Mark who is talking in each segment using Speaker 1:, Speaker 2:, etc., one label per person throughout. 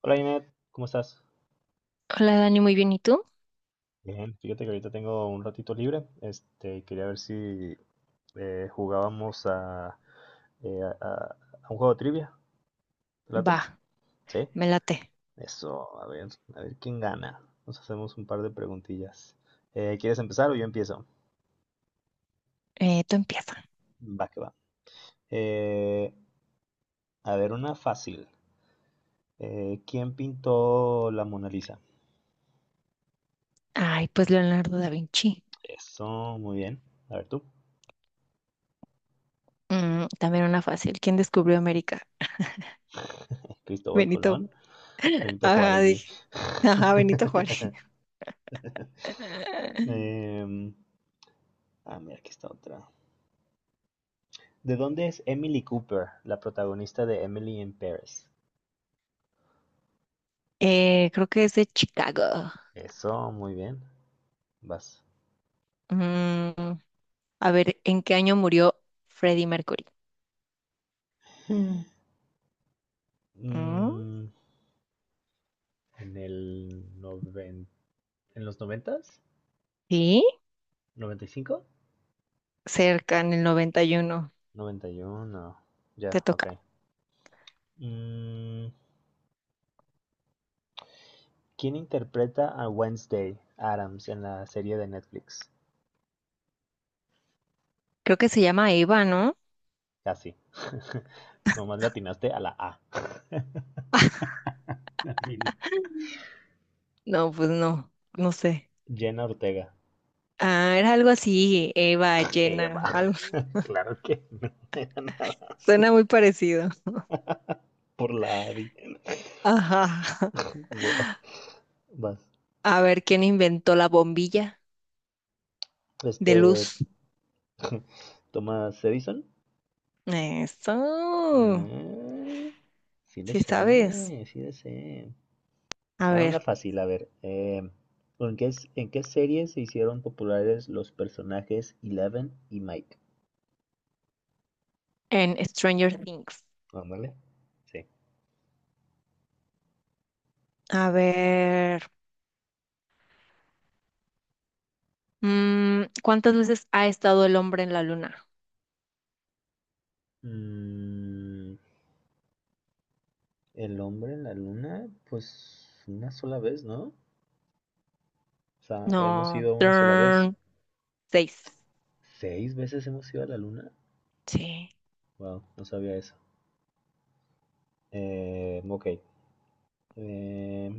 Speaker 1: Hola Inet, ¿cómo estás?
Speaker 2: Hola Dani, muy bien. ¿Y tú?
Speaker 1: Bien, fíjate que ahorita tengo un ratito libre. Este, quería ver si jugábamos eh, a, a- a un juego de trivia. ¿Te
Speaker 2: Va,
Speaker 1: late? Sí.
Speaker 2: me late.
Speaker 1: Eso, a ver quién gana. Nos hacemos un par de preguntillas. ¿Quieres empezar o yo empiezo?
Speaker 2: Tú empieza.
Speaker 1: Va que va. Eh, a ver, una fácil. ¿Quién pintó la Mona Lisa?
Speaker 2: Ay, pues Leonardo da Vinci.
Speaker 1: Eso, muy bien. A ver tú.
Speaker 2: También una fácil. ¿Quién descubrió América?
Speaker 1: Cristóbal
Speaker 2: Benito.
Speaker 1: Colón. Benito
Speaker 2: Ajá,
Speaker 1: Juárez, sí.
Speaker 2: dije. Ajá, Benito Juárez.
Speaker 1: Em, Mira, aquí está otra. ¿De dónde es Emily Cooper, la protagonista de Emily in Paris?
Speaker 2: Creo que es de Chicago.
Speaker 1: Eso, muy bien. Vas.
Speaker 2: Mm, a ver, ¿en qué año murió Freddie Mercury? Mm,
Speaker 1: Mm, en el noven... ¿En los noventas?
Speaker 2: sí,
Speaker 1: ¿Noventa y cinco?
Speaker 2: cerca, en el 91.
Speaker 1: Noventa y uno. Ya,
Speaker 2: Te
Speaker 1: ok.
Speaker 2: toca.
Speaker 1: Mm, ¿Quién interpreta a Wednesday Adams en la serie de Netflix?
Speaker 2: Creo que se llama Eva, ¿no?
Speaker 1: Casi. Nomás latinaste a la A. La fina.
Speaker 2: No, pues no, no sé.
Speaker 1: Jenna Ortega.
Speaker 2: Ah, era algo así, Eva, llena.
Speaker 1: Eva, claro que no era dan nada más
Speaker 2: Suena muy parecido.
Speaker 1: por la AVI.
Speaker 2: Ajá.
Speaker 1: Wow, vas.
Speaker 2: A ver, ¿quién inventó la bombilla de
Speaker 1: Este,
Speaker 2: luz?
Speaker 1: Thomas Edison.
Speaker 2: Eso.
Speaker 1: Eh, sí le
Speaker 2: Sí sabes.
Speaker 1: sé, sí le sé.
Speaker 2: A
Speaker 1: Ah, una
Speaker 2: ver,
Speaker 1: fácil, a ver. ¿En qué series se hicieron populares los personajes Eleven y Mike?
Speaker 2: en Stranger Things.
Speaker 1: Ándale. Sí.
Speaker 2: A ver. ¿Cuántas veces ha estado el hombre en la luna?
Speaker 1: Mm, el hombre en la luna, pues una sola vez, ¿no? O sea, hemos
Speaker 2: No.
Speaker 1: ido una sola vez.
Speaker 2: Turn. Seis.
Speaker 1: ¿Seis veces hemos ido a la luna?
Speaker 2: Sí.
Speaker 1: Wow, no sabía eso. Ok. Eh,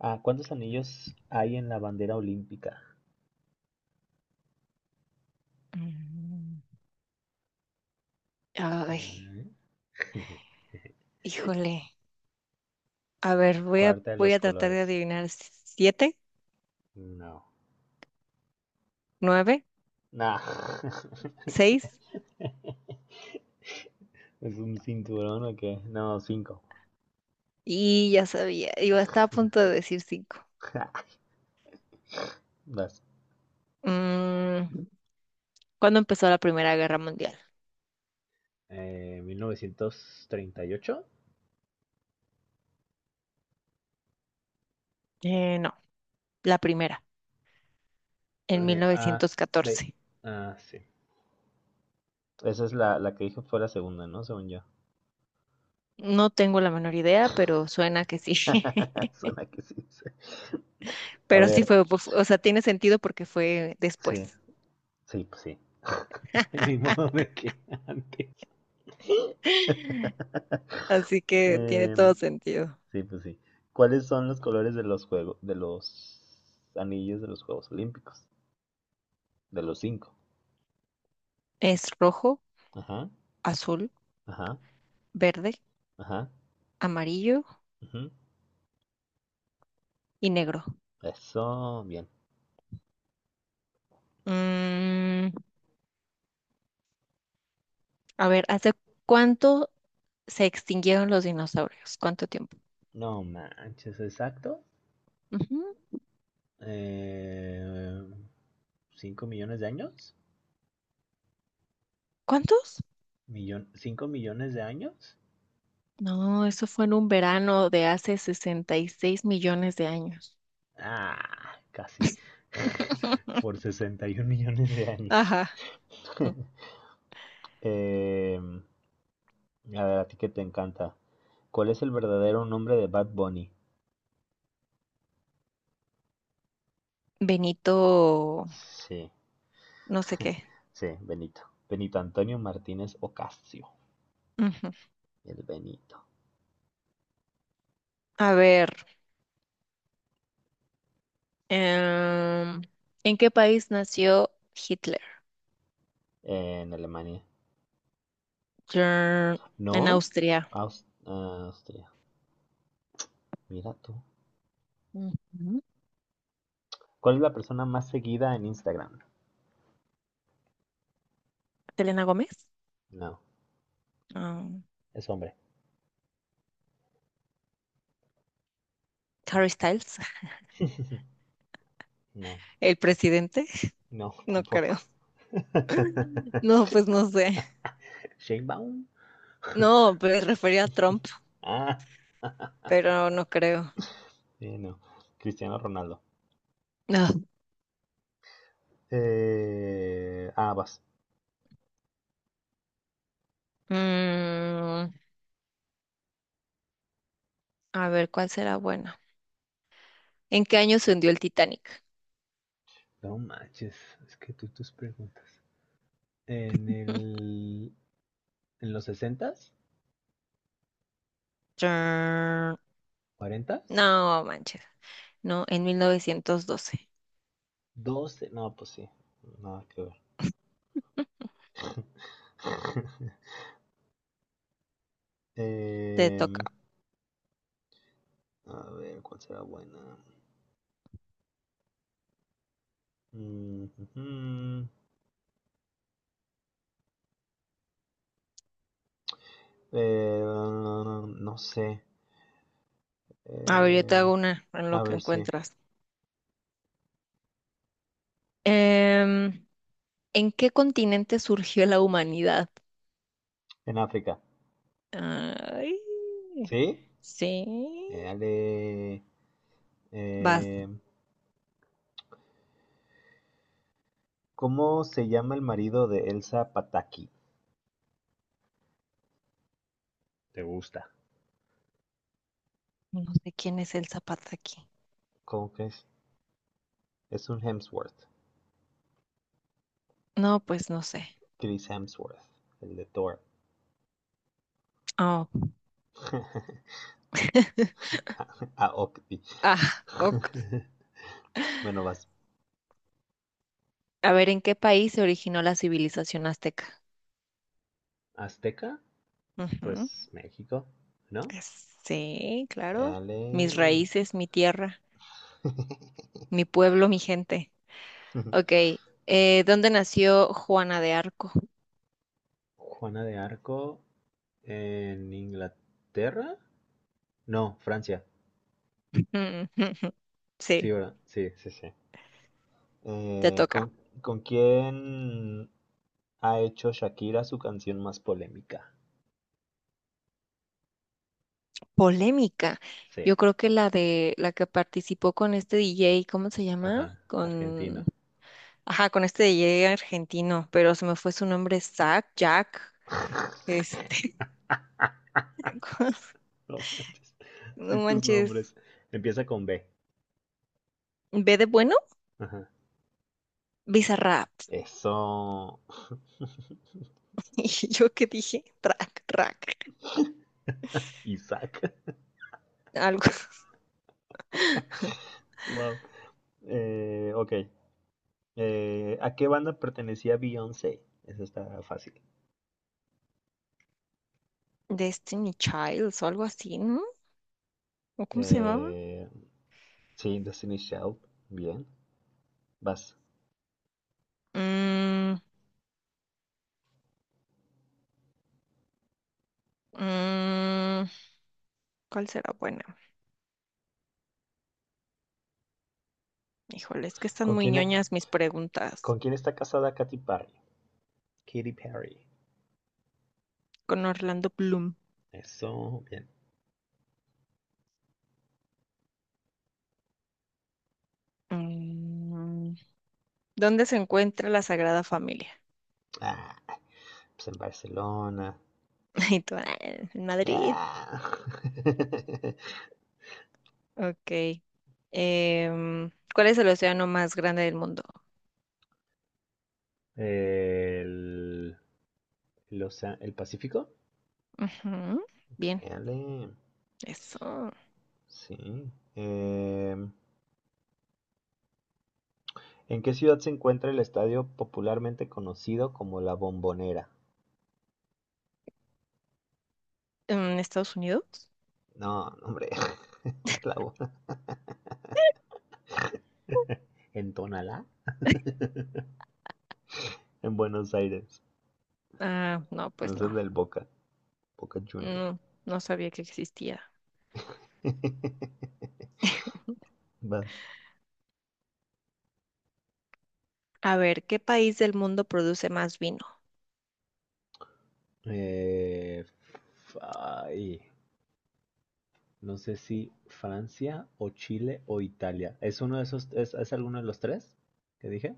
Speaker 1: ¿Cuántos anillos hay en la bandera olímpica?
Speaker 2: Mm, ay,
Speaker 1: Mm.
Speaker 2: híjole. A ver,
Speaker 1: Acuérdate de
Speaker 2: voy
Speaker 1: los
Speaker 2: a tratar de
Speaker 1: colores.
Speaker 2: adivinar. ¿Siete?
Speaker 1: No.
Speaker 2: ¿Nueve?
Speaker 1: Nah.
Speaker 2: ¿Seis?
Speaker 1: ¿Es un cinturón o qué? No, cinco.
Speaker 2: Y ya sabía. Estaba a punto de decir cinco.
Speaker 1: Vas.
Speaker 2: Mm, ¿Cuándo empezó la Primera Guerra Mundial?
Speaker 1: 1938.
Speaker 2: No, la primera, en mil
Speaker 1: A,
Speaker 2: novecientos
Speaker 1: B.
Speaker 2: catorce.
Speaker 1: Ah, sí. Esa es la que dije fue la segunda, ¿no? Según yo.
Speaker 2: No tengo la menor idea, pero suena que sí.
Speaker 1: Suena que sí. Sí. A
Speaker 2: Pero sí
Speaker 1: ver,
Speaker 2: fue, pues, o sea, tiene sentido porque fue
Speaker 1: sí,
Speaker 2: después.
Speaker 1: sí, pues sí. Del mismo modo que antes.
Speaker 2: Así que tiene
Speaker 1: Eh,
Speaker 2: todo sentido.
Speaker 1: sí, pues sí. ¿Cuáles son los colores de los juegos, de los anillos de los Juegos Olímpicos? De los cinco.
Speaker 2: Es rojo,
Speaker 1: Ajá,
Speaker 2: azul,
Speaker 1: ajá,
Speaker 2: verde,
Speaker 1: ajá.
Speaker 2: amarillo
Speaker 1: Ujú.
Speaker 2: y negro.
Speaker 1: Eso, bien.
Speaker 2: Mm, a ver, ¿hace cuánto se extinguieron los dinosaurios? ¿Cuánto tiempo?
Speaker 1: No manches, exacto.
Speaker 2: Ujú.
Speaker 1: Eh, ¿5 millones de años?
Speaker 2: ¿Cuántos?
Speaker 1: ¿5 millones de años?
Speaker 2: No, eso fue en un verano de hace 66 millones de años.
Speaker 1: Ah, casi. Por 61 millones de años.
Speaker 2: Ajá. Mm,
Speaker 1: Eh, a ver, a ti que te encanta. ¿Cuál es el verdadero nombre de Bad Bunny?
Speaker 2: Benito,
Speaker 1: Sí,
Speaker 2: no sé qué.
Speaker 1: sí, Benito. Benito Antonio Martínez Ocasio.
Speaker 2: Ujú.
Speaker 1: El Benito.
Speaker 2: A ver, em, ¿en qué país nació Hitler?
Speaker 1: En Alemania.
Speaker 2: Trrr, en
Speaker 1: ¿No?
Speaker 2: Austria.
Speaker 1: Austria. Mira tú.
Speaker 2: Ujú.
Speaker 1: ¿Cuál es la persona más seguida en Instagram?
Speaker 2: ¿Selena Gómez?
Speaker 1: No,
Speaker 2: Um,
Speaker 1: es hombre.
Speaker 2: ¿Harry Styles?
Speaker 1: No,
Speaker 2: ¿El presidente?
Speaker 1: no,
Speaker 2: No
Speaker 1: tampoco.
Speaker 2: creo. No, pues no sé.
Speaker 1: Shane Baum.
Speaker 2: No, me refería a Trump,
Speaker 1: Ah,
Speaker 2: pero no creo.
Speaker 1: no. Cristiano Ronaldo. Vas.
Speaker 2: No. A ver, ¿cuál será buena? ¿En qué año se hundió el Titanic?
Speaker 1: No manches, es que tú y tus preguntas. En el en los sesentas,
Speaker 2: Trrr,
Speaker 1: ¿cuarentas?
Speaker 2: no, manches. No, en 1912.
Speaker 1: ¿12? No, pues sí, nada que ver.
Speaker 2: Te toca.
Speaker 1: Em, a ver, ¿cuál será buena? Mm, ujú. No sé.
Speaker 2: A ver, yo te
Speaker 1: Em,
Speaker 2: hago una en lo
Speaker 1: a
Speaker 2: que
Speaker 1: ver, sí.
Speaker 2: encuentras. Em, ¿En qué continente surgió la humanidad?
Speaker 1: En África.
Speaker 2: Ay,
Speaker 1: ¿Sí?
Speaker 2: sí.
Speaker 1: Eh, ale-
Speaker 2: Vas.
Speaker 1: em, ¿Cómo se llama el marido de Elsa Pataki? ¿Te gusta?
Speaker 2: No sé quién es el zapato aquí.
Speaker 1: ¿Cómo que es? Es un Hemsworth,
Speaker 2: No, pues no sé.
Speaker 1: Chris Hemsworth, el de Thor.
Speaker 2: Oh.
Speaker 1: a, a Octi.
Speaker 2: Ah, ok.
Speaker 1: Bueno, vas.
Speaker 2: A ver, ¿en qué país se originó la civilización azteca?
Speaker 1: Azteca,
Speaker 2: Ujú.
Speaker 1: pues México, ¿no?
Speaker 2: Sí, claro.
Speaker 1: Dale.
Speaker 2: Mis raíces, mi tierra, mi pueblo, mi gente. Ok, ¿dónde nació Juana de Arco?
Speaker 1: Juana de Arco en Inglaterra. No, Francia. Sí,
Speaker 2: Sí,
Speaker 1: ¿verdad? Sí. Sí, sí.
Speaker 2: te
Speaker 1: Eh,
Speaker 2: toca.
Speaker 1: ¿con, ¿Con quién ha hecho Shakira su canción más polémica?
Speaker 2: Polémica.
Speaker 1: Sí.
Speaker 2: Yo creo que la de la que participó con este DJ, ¿cómo se llama?
Speaker 1: Ajá.
Speaker 2: Con,
Speaker 1: Argentino.
Speaker 2: ajá, con este DJ argentino, pero se me fue su nombre, Zach, Jack, este, ¿cómo se-
Speaker 1: No manches.
Speaker 2: no
Speaker 1: Y tus
Speaker 2: manches,
Speaker 1: nombres. Empieza con B.
Speaker 2: ¿B de bueno?
Speaker 1: Ajá.
Speaker 2: Bizarrap.
Speaker 1: Eso.
Speaker 2: Y yo qué dije, track, track,
Speaker 1: Isaac.
Speaker 2: algo.
Speaker 1: Wow. Ok. ¿A qué banda pertenecía Beyoncé? Eso está fácil.
Speaker 2: Destiny Childs o algo así, ¿no? ¿O cómo se llamaba?
Speaker 1: Eh, sí, Destiny's Child. Bien. Vas.
Speaker 2: Mm, mm, ¿Cuál será buena? Híjole, es que están
Speaker 1: ¿Con
Speaker 2: muy
Speaker 1: quién, e-
Speaker 2: ñoñas mis preguntas.
Speaker 1: con quién está casada Katy Perry? Katy Perry.
Speaker 2: Con Orlando Bloom.
Speaker 1: Eso, bien.
Speaker 2: Mm, ¿Dónde se encuentra la Sagrada Familia?
Speaker 1: Ah, pues en Barcelona.
Speaker 2: Y tú, "Ah, en Madrid".
Speaker 1: Ah.
Speaker 2: Ok. ¿Cuál es el océano más grande del mundo?
Speaker 1: El, el Pacífico.
Speaker 2: Ujú, bien,
Speaker 1: Éale,
Speaker 2: eso.
Speaker 1: sí. ¿En qué ciudad se encuentra el estadio popularmente conocido como La Bombonera?
Speaker 2: ¿En Estados Unidos?
Speaker 1: No, no, hombre, la bo- ¿En Tonalá? En Buenos Aires.
Speaker 2: Ah, no,
Speaker 1: No
Speaker 2: pues
Speaker 1: es el
Speaker 2: no.
Speaker 1: del Boca, Boca Junior.
Speaker 2: No, no sabía que existía.
Speaker 1: Vas.
Speaker 2: A ver, ¿qué país del mundo produce más vino?
Speaker 1: Eh, f- ay, no sé si Francia o Chile o Italia. ¿Es uno de esos, es alguno de los tres que dije?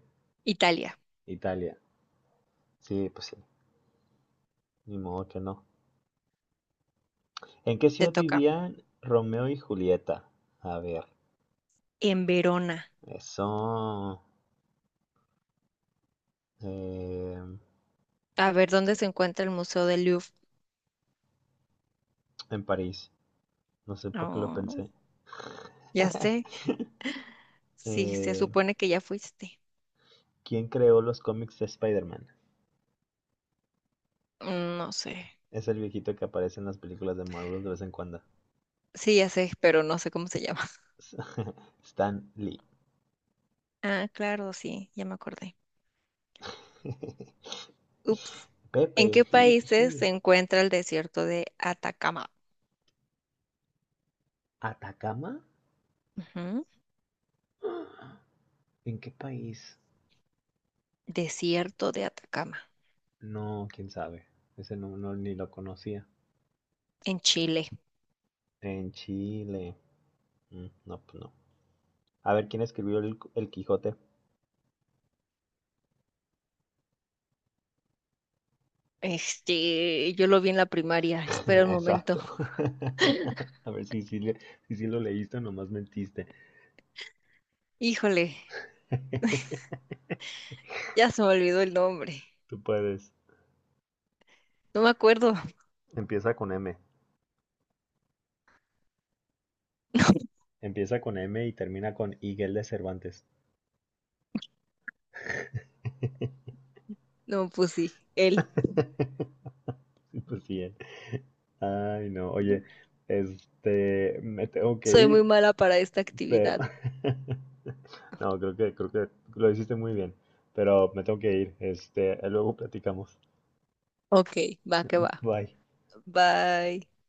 Speaker 2: Italia,
Speaker 1: Italia. Sí, pues sí. Ni modo que no. ¿En qué
Speaker 2: te
Speaker 1: ciudad
Speaker 2: toca.
Speaker 1: vivían Romeo y Julieta? A ver,
Speaker 2: En Verona.
Speaker 1: eso. eh,
Speaker 2: A ver, ¿dónde se encuentra el Museo del Louvre?
Speaker 1: en París. No sé por qué lo
Speaker 2: Oh,
Speaker 1: pensé.
Speaker 2: ya sé. Sí, se
Speaker 1: Eh,
Speaker 2: supone que ya fuiste.
Speaker 1: ¿Quién creó los cómics de Spider-Man?
Speaker 2: Mm, no sé.
Speaker 1: Es el viejito que aparece en las películas de Marvel de vez en cuando.
Speaker 2: Sí, ya sé, pero no sé cómo se llama.
Speaker 1: Stan Lee.
Speaker 2: Ah, claro, sí, ya me acordé. Ups. ¿En
Speaker 1: Pepe,
Speaker 2: qué
Speaker 1: sí, sí,
Speaker 2: países
Speaker 1: sí.
Speaker 2: se encuentra el desierto de Atacama?
Speaker 1: ¿Atacama?
Speaker 2: Ujú.
Speaker 1: ¿En qué país?
Speaker 2: Desierto de Atacama,
Speaker 1: No, quién sabe. Ese no, no, ni lo conocía.
Speaker 2: en Chile.
Speaker 1: En Chile. No, pues no. A ver quién escribió el Quijote.
Speaker 2: Este, yo lo vi en la primaria. Espera un momento.
Speaker 1: Exacto. A ver si sí lo leíste o nomás mentiste.
Speaker 2: Híjole, ya se me olvidó el nombre.
Speaker 1: Tú puedes.
Speaker 2: No me acuerdo.
Speaker 1: Empieza con M. Empieza con M y termina con Miguel de Cervantes.
Speaker 2: No, pues sí, él.
Speaker 1: Sí, pues sí. Ay, no. Oye, este, me tengo que
Speaker 2: Soy
Speaker 1: ir,
Speaker 2: muy mala para esta
Speaker 1: pero
Speaker 2: actividad.
Speaker 1: no, creo que lo hiciste muy bien, pero me tengo que ir. Este, luego platicamos.
Speaker 2: Ok, va que va.
Speaker 1: Bye.
Speaker 2: Bye.